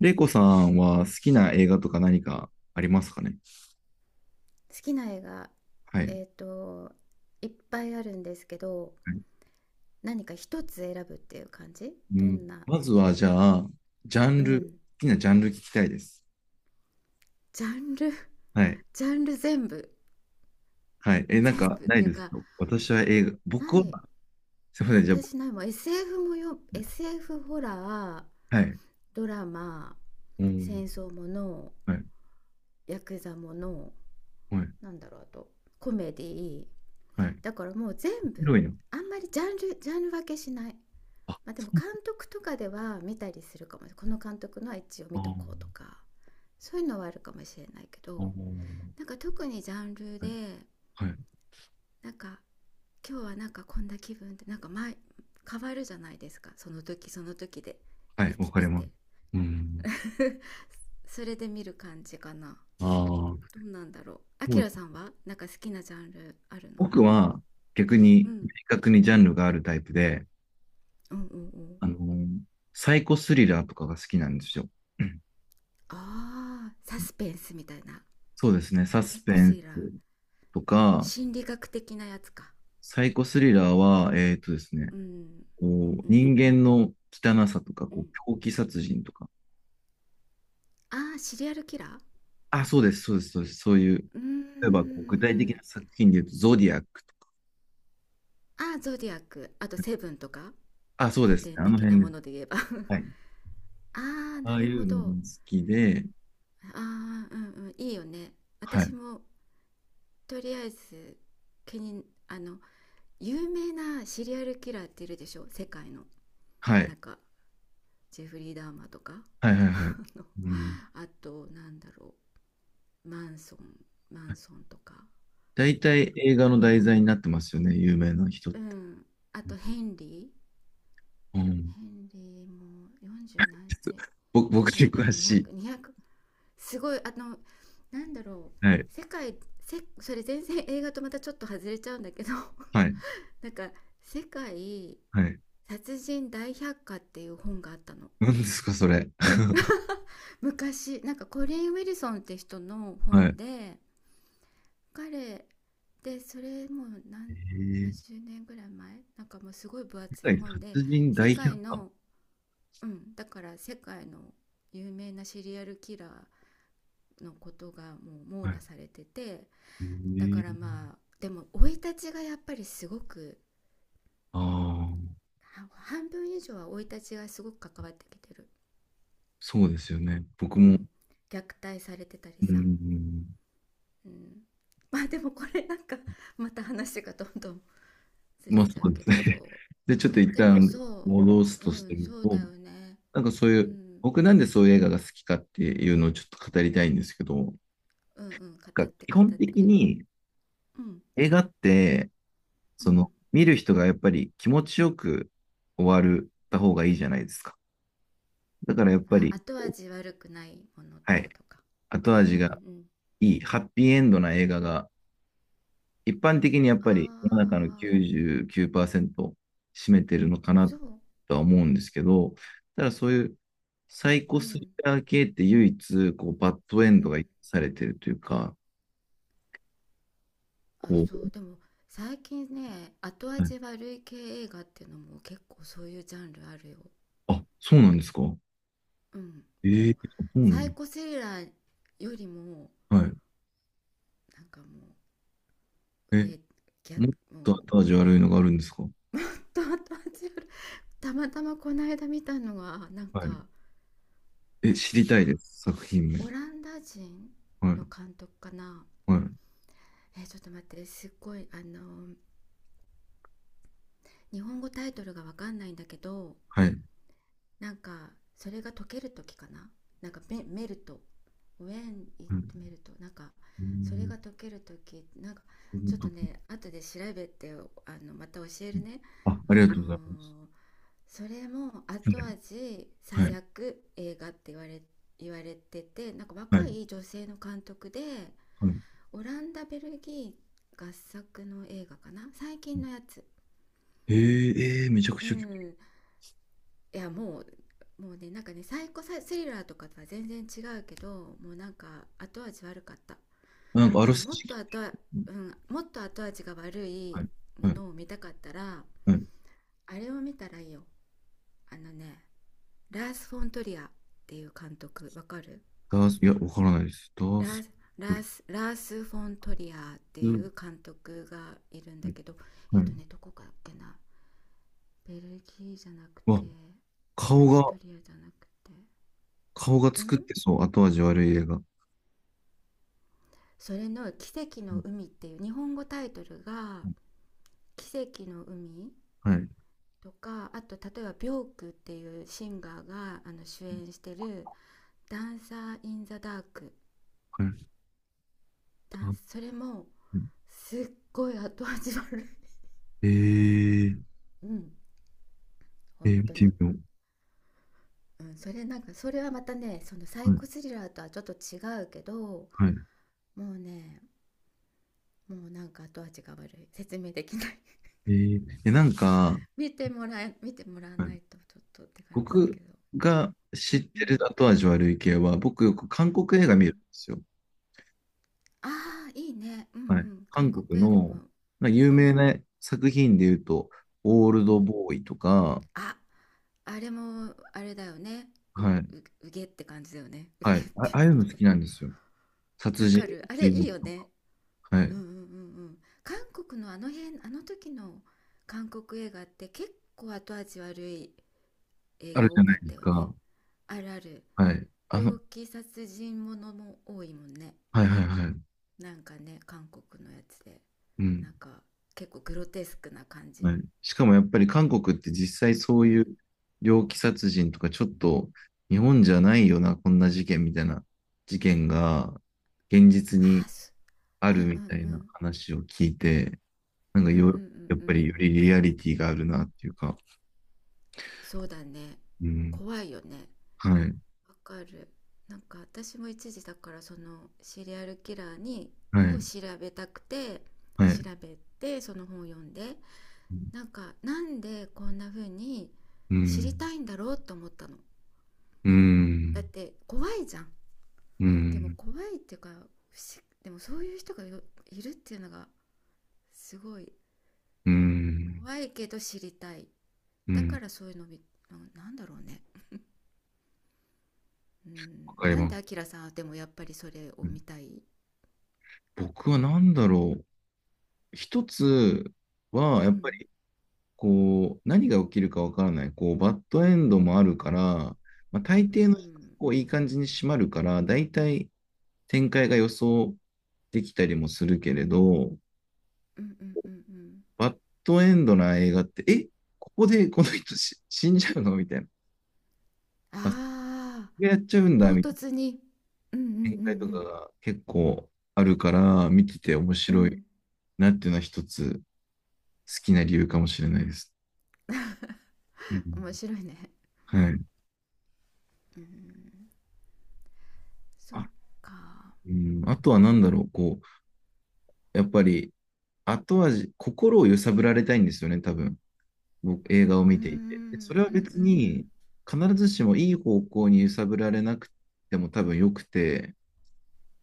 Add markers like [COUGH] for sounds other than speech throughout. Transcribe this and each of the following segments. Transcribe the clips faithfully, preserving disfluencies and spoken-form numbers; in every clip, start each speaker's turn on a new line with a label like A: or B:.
A: レイコさんは好きな映画とか何かありますかね？
B: 好きな映画、
A: はい。
B: えっ、と、いっぱいあるんですけど、
A: はい。
B: 何か一つ選ぶっていう感じ。
A: う
B: ど
A: ん、
B: んな、
A: まずは、じゃあ、ジャ
B: う
A: ンル、好
B: ん、
A: きなジャンル聞きたいです。
B: ジャンル。
A: はい。
B: [LAUGHS]、ジャンル全部、
A: はい。え、なん
B: 全
A: か、
B: 部っ
A: ない
B: ていう
A: です
B: か、
A: か？私は映画、
B: な
A: 僕は、
B: い、
A: すみません、じゃあ、僕
B: 私ないもん エスエフ もよ、エスエフ ホラー、
A: はい。
B: ドラマ、
A: う
B: 戦
A: ん。
B: 争もの、
A: はい。
B: ヤクザもの、
A: はい。
B: なんだろう、あと、コメディー
A: はい。
B: だからもう全部、
A: 広いな。
B: あんまりジャンル、ジャンル分けしない。
A: あ、
B: まあ、で
A: そ
B: も
A: うだ。
B: 監督とかでは見たりするかも。この監督のは一応
A: あ
B: 見と
A: ー
B: こうとか、そういうのはあるかもしれないけど、
A: あ。
B: なんか特にジャンル
A: は
B: で、
A: いはい。
B: なんか今日はなんかこんな気分ってなんか前変わるじゃないですか、その時その時で
A: は
B: 生
A: い。わ
B: き
A: かり
B: て
A: ます。
B: て。
A: う
B: [LAUGHS]
A: ん。
B: それで見る感じかな。
A: ああ。
B: どうなんだろう、あ
A: も
B: き
A: う、
B: らさんはなんか好きなジャンルあるの？
A: 僕は、逆
B: う
A: に、明
B: ん
A: 確にジャンルがあるタイプで、
B: うんうんうん
A: あの、サイコスリラーとかが好きなんですよ。[CLEARS THROAT] うん。
B: あーサスペンスみたいな。
A: そうですね、サス
B: 結
A: ペ
B: コス
A: ン
B: イラー、
A: スとか、
B: 心理学的なやつか。
A: サイコスリラーは、えっとですね、
B: うん
A: こう、
B: うん
A: 人間の汚さとか、
B: う
A: こ
B: ん
A: う、狂気殺人とか。
B: ああーシリアルキラー。
A: あ、そうです、そうです、そうです、そういう、
B: うー
A: 例えばこう具体的な
B: ん。
A: 作品で言うと、ゾディアックとか。
B: ああーゾディアック、あとセブンとか、
A: あ、そうで
B: 古
A: すね、
B: 典
A: あの
B: 的な
A: 辺で
B: も
A: す。
B: ので言えば。 [LAUGHS] あ
A: はい。
B: あー
A: あ
B: な
A: あい
B: るほ
A: うの
B: ど。
A: が好きで、
B: ああー、うんうん、いいよね。
A: は
B: 私
A: い、
B: もとりあえず、気にあの、有名なシリアルキラーっているでしょ、世界の。
A: は
B: なん
A: い、
B: かジェフリー・ダーマーとか。 [LAUGHS]
A: はい、はい、はい。
B: あの、
A: うん。
B: あとなんだろう、マンソンマンソンとか。
A: 大
B: あ
A: 体
B: と、
A: 映画の題材になってますよね、有名な人っ
B: う
A: て。
B: ん、あとヘンリ、
A: うん。
B: ヘンリーもよんじゅう何あれ、
A: ぼ僕
B: 多
A: に
B: 分な
A: 詳しい。
B: 200200すごいあの、なんだろう、
A: はい。
B: 世界、せそれ全然映画とまたちょっと外れちゃうんだけど、
A: はい。
B: [LAUGHS] なんか「世界
A: はい。
B: 殺人大百科」っていう本があったの。
A: 何ですか、それ。[LAUGHS]
B: 昔なんかコリン・ウィルソンって人の
A: はい。
B: 本で、彼で、それもう何、
A: えー
B: にじゅうねんぐらい前、なんかもうすごい分
A: 世
B: 厚い
A: 界
B: 本
A: 殺
B: で、
A: 人大
B: 世
A: 百
B: 界
A: 科。
B: の、うん、だから世界の有名なシリアルキラーのことがもう網
A: はい。
B: 羅されてて、
A: え
B: だか
A: ー
B: らまあでも生い立ちがやっぱりすごく、
A: ああ、
B: 半分以上は生い立ちがすごく関わってきてる、
A: そうですよね。僕
B: う
A: も、
B: ん、虐待されてたり
A: う
B: さ、
A: ん、
B: うん、まあでもこれなんか、また話がどんどんず
A: ま
B: れ
A: あそ
B: ちゃう
A: うで
B: け
A: す
B: ど、
A: ね。
B: そ
A: [LAUGHS] で、ちょっと
B: う
A: 一
B: でも
A: 旦
B: そ
A: 戻す
B: う、
A: とす
B: うん、
A: る
B: そうだ
A: と、
B: よね、
A: なんかそうい
B: う
A: う、
B: ん、
A: 僕なんでそういう映画が好きかっていうのをちょっと語りたいんですけど、なん
B: うんうん、語
A: か
B: って
A: 基
B: 語
A: 本
B: っ
A: 的
B: て。
A: に
B: うん
A: 映画って、
B: う
A: その、
B: ん。
A: 見る人がやっぱり気持ちよく終わるた方がいいじゃないですか。だからやっぱ
B: あ、
A: り、
B: 後味悪くないものっ
A: は
B: て
A: い。
B: ことか。
A: 後
B: うん
A: 味
B: うんう
A: が
B: ん。
A: いい、ハッピーエンドな映画が、一般的にやっ
B: あ
A: ぱり世の中の
B: あ、
A: きゅうじゅうきゅうパーセント占めてるのかな
B: そう、
A: とは思うんですけど、ただそういうサイコ
B: う
A: スリ
B: ん、
A: ラー系って唯一、こう、バッドエン
B: う
A: ドが許
B: ん。
A: されてるというか、
B: あ、
A: こう、
B: そう、でも最近ね、後
A: はい。
B: 味悪い系映画っていうのも結構そういうジャンルあるよ。
A: あ、そうなんですか？
B: うん。も
A: え
B: う、
A: え、そうな
B: サイ
A: の？
B: コスリラーよりも、
A: はい。
B: なんかもう、
A: え、
B: 上、ギャ、
A: もっと
B: も
A: 後味悪いのがあるんですか？
B: う、と後味悪い。たまたまこの間見たのは、なん
A: はい。
B: か、
A: え、知りたい
B: あ、
A: です、作品名。
B: オランダ人
A: はい、
B: の監督かな。
A: はい、
B: え、ちょっと待って、すっごい、あの、日本語タイトルがわかんないんだけど、
A: はい。はい。
B: なんかそれが解ける時かな、なんかメメルト、 When it メルト、なんか
A: う
B: それ
A: ん。
B: が解ける時、なんかちょっとね後で調べて、あのまた教えるね。
A: あ、あ
B: あ
A: り
B: の
A: がとうございます。
B: ー、それも
A: は
B: 後
A: い。
B: 味最悪映画って言われ言われてて、なんか
A: は
B: 若
A: い。
B: い女性の監督で、
A: はい。
B: オランダベルギー合作の映画かな、最近のやつ。
A: ええ、えーめちゃく
B: う
A: ちゃ興
B: ん、いやもうもうね、なんかね、サイコスリラーとかとは全然違うけど、もうなんか後味悪かった。
A: 味、なんかあ
B: で
A: ら
B: も
A: す
B: もっ
A: じ、
B: と後、うん、もっと後味が悪
A: は
B: い
A: い。
B: も
A: はい。
B: のを見たかったら、
A: はい。
B: あれを見たらいいよ。あのね、ラース・フォントリアっていう監督わかる？
A: ダース、いや、わからないです。ダー
B: ラー
A: ス、
B: ス、
A: ト
B: ラ
A: リ
B: ース・ラースフォントリアっていう
A: ス、
B: 監督がいるんだけど、
A: は
B: えっと
A: い。
B: ね、どこかっけな、ベルギーじゃなく
A: わ、
B: て、オ
A: 顔
B: ースト
A: が、
B: リアじゃなくて、
A: 顔が作って
B: ん、
A: そう、後味悪い映画。う
B: それの「奇跡の
A: ん。
B: 海」っていう日本語タイトルが、「奇跡の海」
A: はい。
B: とか、あと例えばビョークっていうシンガーがあの主演してる「ダンサー・イン・ザ・ダーク」、
A: はい。
B: ダ
A: あ
B: ンス、それもすっごい後味悪い。
A: えー、
B: [LAUGHS] うん、
A: え
B: 本
A: ー、見
B: 当
A: てみ
B: に、
A: よ
B: うん、それなんか、それはまたね、そのサ
A: う。
B: イ
A: は
B: コ
A: い。
B: スリラーとはちょっと違うけど、
A: はい。
B: もうね、もうなんか後味が悪い、説明できない。
A: えー、え、なんか、
B: [LAUGHS] 見てもらえ見てもらわ
A: は
B: な
A: い。
B: いとちょっとって感じだ
A: 僕
B: けど、
A: が
B: う
A: 知
B: ん、
A: っ
B: うん
A: て
B: う
A: る
B: ん
A: 後味悪い系は、僕よく韓国映
B: う
A: 画見るんで
B: ん。
A: すよ。
B: ああ、いいね。うんう
A: はい。
B: ん。韓
A: 韓国
B: 国映画
A: の、
B: も。
A: まあ、有
B: う
A: 名
B: ん
A: な作品で言うと、オール
B: う
A: ド
B: ん。
A: ボーイとか、
B: あ、あれも、あれだよね。う、う、
A: はい。
B: うげって感じだよね。[LAUGHS] うげっ
A: はい。あ、
B: て
A: あ
B: い
A: あい
B: うの
A: うの
B: か
A: 好
B: な。
A: きなんですよ。
B: わ
A: 殺人
B: か
A: の
B: る。あれ
A: 追
B: いい
A: 憶
B: よ
A: と
B: ね。
A: か。は
B: う
A: い。
B: んうんうんうん。韓国のあの辺、あの時の韓国映画って結構後味悪い映
A: ある
B: 画
A: じ
B: 多
A: ゃな
B: か
A: い
B: っ
A: です
B: たよね。
A: か。
B: あるある。
A: はい。あの、
B: 猟奇殺人ものも多いもんね、
A: はいはいはい。
B: なんかね、韓国のやつで。
A: うん。
B: なんか結構グロテスクな感じ。
A: はい。しかもやっぱり韓国って実際そう
B: う
A: い
B: ん、
A: う猟奇殺人とかちょっと日本じゃないよな、こんな事件みたいな事件が現実
B: あ
A: に
B: あす、
A: あ
B: うんう
A: るみた
B: ん
A: い
B: う
A: な
B: ん
A: 話を聞いて、なんか
B: うんうんう
A: よ、
B: ん
A: やっ
B: う
A: ぱり
B: ん、
A: よりリアリティがあるなっていうか、
B: そうだね、
A: うん、
B: 怖いよね、
A: はい、
B: わかる。なんか私も一時だから、そのシリアルキラーに
A: は
B: を
A: い、
B: 調べたくて、
A: は
B: 調
A: い、
B: べて、その本を読んで、
A: うん、
B: なんかなんでこんな風に
A: う
B: 知り
A: ん、
B: たいんだろうと思ったの。
A: う
B: だっ
A: ん、
B: て怖いじゃん、でも怖いっていうか不思、でもそういう人がよ、いるっていうのがすごい、
A: うん、
B: 怖いけど知りたい。
A: う
B: だ
A: ん、
B: からそういうのみ、な、なんだろうね。う
A: わ
B: ん、
A: かり
B: なん
A: ま
B: でアキ
A: す。
B: ラさんはでもやっぱりそれを見たい？
A: 僕は何だろう。一つは、
B: う
A: やっぱ
B: ん
A: りこう、何が起きるかわからない。こう、バッドエンドもあるから、まあ、大
B: う
A: 抵の
B: ん
A: こういい感じに締まるから、大体展開が予想できたりもするけれど、
B: うんうんうんうん、
A: バッドエンドな映画って、え、ここでこの人し死んじゃうのみたいな。こ
B: ああ
A: れやっちゃうん
B: ー
A: だ
B: 唐
A: みたいな
B: 突に、うんうん
A: 展開とかが結構あるから、見てて面
B: うんうん
A: 白
B: う
A: い
B: ん。
A: なっていうのは一つ好きな理由かもしれないです。う
B: [LAUGHS] 面
A: ん、
B: 白いね。
A: はい。
B: うん、そっ
A: あ、
B: か。
A: うん、あとは何だろう、こう、やっぱり後味、心を揺さぶられたいんですよね、多分。僕、映画を
B: うんう
A: 見ていて。でそ
B: ん
A: れは
B: う
A: 別
B: んう
A: に
B: ん
A: 必ずしもいい方向に揺さぶられなくても多分良くて、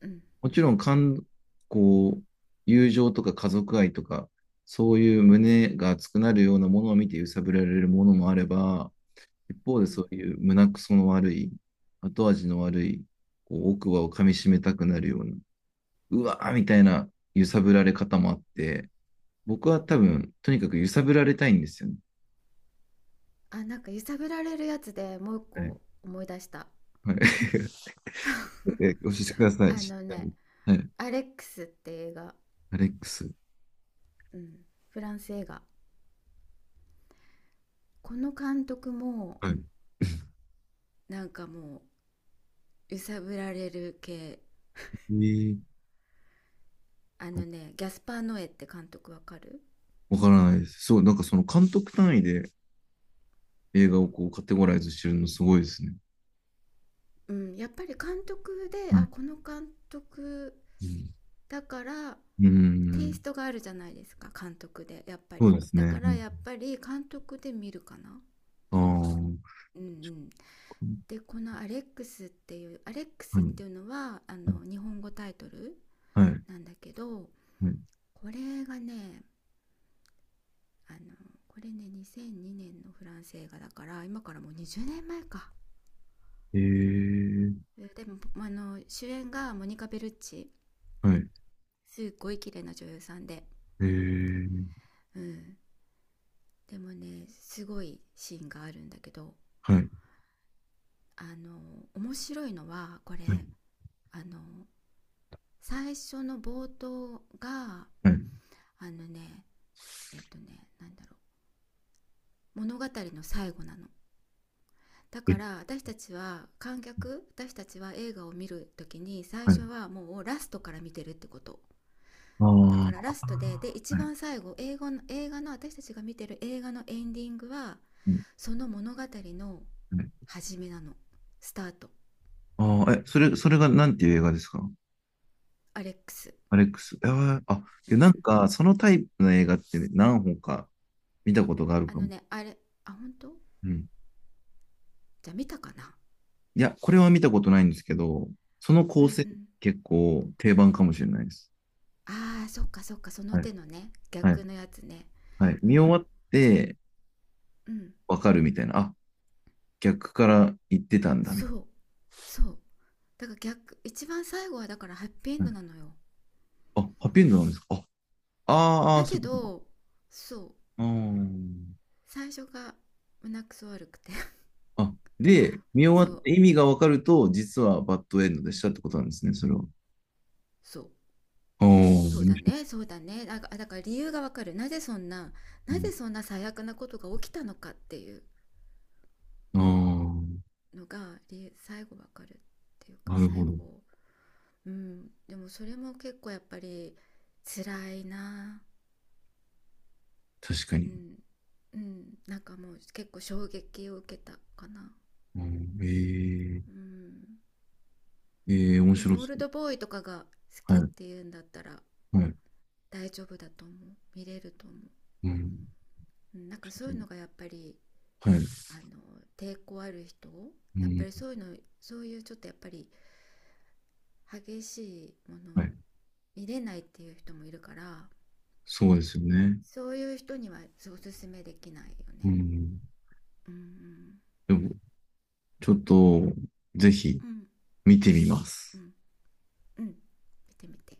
B: うん
A: もちろん、感、こう、友情とか家族愛とか、そういう胸が熱くなるようなものを見て揺さぶられるものもあれば、一方
B: う
A: で
B: ん。
A: そういう胸くその悪い、後味の悪い、こう奥歯を噛み締めたくなるような、うわーみたいな揺さぶられ方もあって、僕は多分、とにかく揺さぶられたいんですよね。
B: あ、なんか揺さぶられるやつでもう一
A: はい。
B: 個思い出した。
A: はい、[LAUGHS] え、
B: [LAUGHS]
A: 教えてください。
B: あ
A: 知っ
B: の
A: て
B: ね
A: る？はい。
B: 「アレックス」って映画、
A: アレックス。
B: うん、フランス映画、この監督も
A: はい。
B: なんかもう揺さぶられる系。
A: えー
B: あのね、ギャスパー・ノエって監督わかる？
A: わからないです。そう、なんかその監督単位で映画をこうカテゴライズしてるのすごいですね。
B: うん、やっぱり監督で、
A: は
B: あ
A: い。
B: この監督だから、
A: うん。う
B: テイス
A: ん。
B: トがあるじゃないですか、監督で、やっぱ
A: そう
B: り
A: です
B: だ
A: ね。
B: か
A: う
B: ら
A: ん、
B: やっぱり監督で見るかな。
A: ああ。
B: うんうん。で、この「アレックス」っていう、「アレックス」
A: は
B: っ
A: い。
B: ていうのはあの日本語タイトル
A: はい。
B: なんだけど、
A: はい。
B: これがね、あの、これねにせんにねんのフランス映画だから、今からもうにじゅうねんまえか。
A: ええ。
B: でもあの主演がモニカ・ベルッチ、
A: はい。
B: すっごい綺麗な女優さんで、
A: ええ。
B: うん、でもねすごいシーンがあるんだけど、
A: はい。
B: あの、面白いのはこれ、
A: はい。
B: あの、最初の冒頭が、
A: はい。
B: あのね、えっとね、なんだろう、物語の最後なの。だか
A: え。
B: ら私たちは観客、私たちは映画を見るときに最
A: は
B: 初
A: い。
B: はもうラストから見てるってこと。
A: あ
B: だからラストで、で
A: あ。
B: 一
A: はい。
B: 番最後、英語の映画の、私たちが見てる映画のエンディングは、
A: うん。
B: その物語の
A: はい。
B: 始めなの、スタート。
A: ああ、え、それ、それがなんていう映画ですか？
B: アレックス。
A: アレックス。えーあ、い
B: う
A: や、なん
B: ん、
A: か、そのタイプの映画って何本か見たことがある
B: あ
A: か
B: の
A: も。
B: ね、あれ、あ本当、
A: うん。
B: じゃあ見たかな。
A: いや、これは見たことないんですけど、その
B: う
A: 構
B: んう
A: 成
B: ん、
A: 結構定番かもしれないです。
B: あーそっかそっか、その
A: はい。
B: 手のね、
A: はい。
B: 逆のやつね。
A: はい。
B: う
A: 見終わ
B: ん
A: って
B: うん、
A: わかるみたいな。あ、逆から言ってたんだみ
B: そ
A: たい
B: うそうだから逆、一番最後はだからハッピーエン
A: な。は
B: ド
A: い。
B: なのよ。
A: あ、ハッピーエンドなんですか？あ、あーあー、
B: だ
A: そう
B: け
A: いうことか。
B: ど、そう、
A: うーん。
B: 最初が胸くそ悪くて。
A: あ、で、見
B: [LAUGHS] そ
A: 終わっ
B: う
A: て意味がわかると、実はバッドエンドでしたってことなんですね、それは。
B: そう
A: ああ、
B: そう
A: 面
B: だ
A: 白
B: ね、
A: い。
B: そうだね。だから、だから理由がわかる。なぜそんな、
A: う
B: なぜ
A: ん。
B: そんな最悪なことが起きたのかっていう
A: あ
B: のが、理由最後わかるっていう
A: あ、
B: か、
A: なるほ
B: 最
A: ど。
B: 後、うん。でもそれも結構やっぱり辛いな。
A: 確か
B: う
A: に。
B: ん。うん。なんかもう結構衝撃を受けたかな。
A: うん、え
B: う
A: え。
B: ん。
A: ええ面
B: で
A: 白
B: もオー
A: そ
B: ル
A: う。
B: ドボーイとかが好
A: は
B: きっ
A: い。
B: ていうんだったら
A: はい。
B: 大丈夫だと思う。見れると思う。
A: うん。
B: うん、なんかそういうのがやっぱり、
A: はい。
B: あの抵抗ある人、
A: う
B: やっぱ
A: ん、
B: りそういうの、そういうちょっとやっぱり激しいもの
A: はい。
B: を見れないっていう人もいるから、
A: そうですよね。
B: そういう人にはおすすめできないよ
A: う
B: ね。
A: ん。
B: うんうん
A: でも、ちょっと、ぜひ
B: うん
A: 見てみま
B: う
A: す。
B: んうん。見てみて。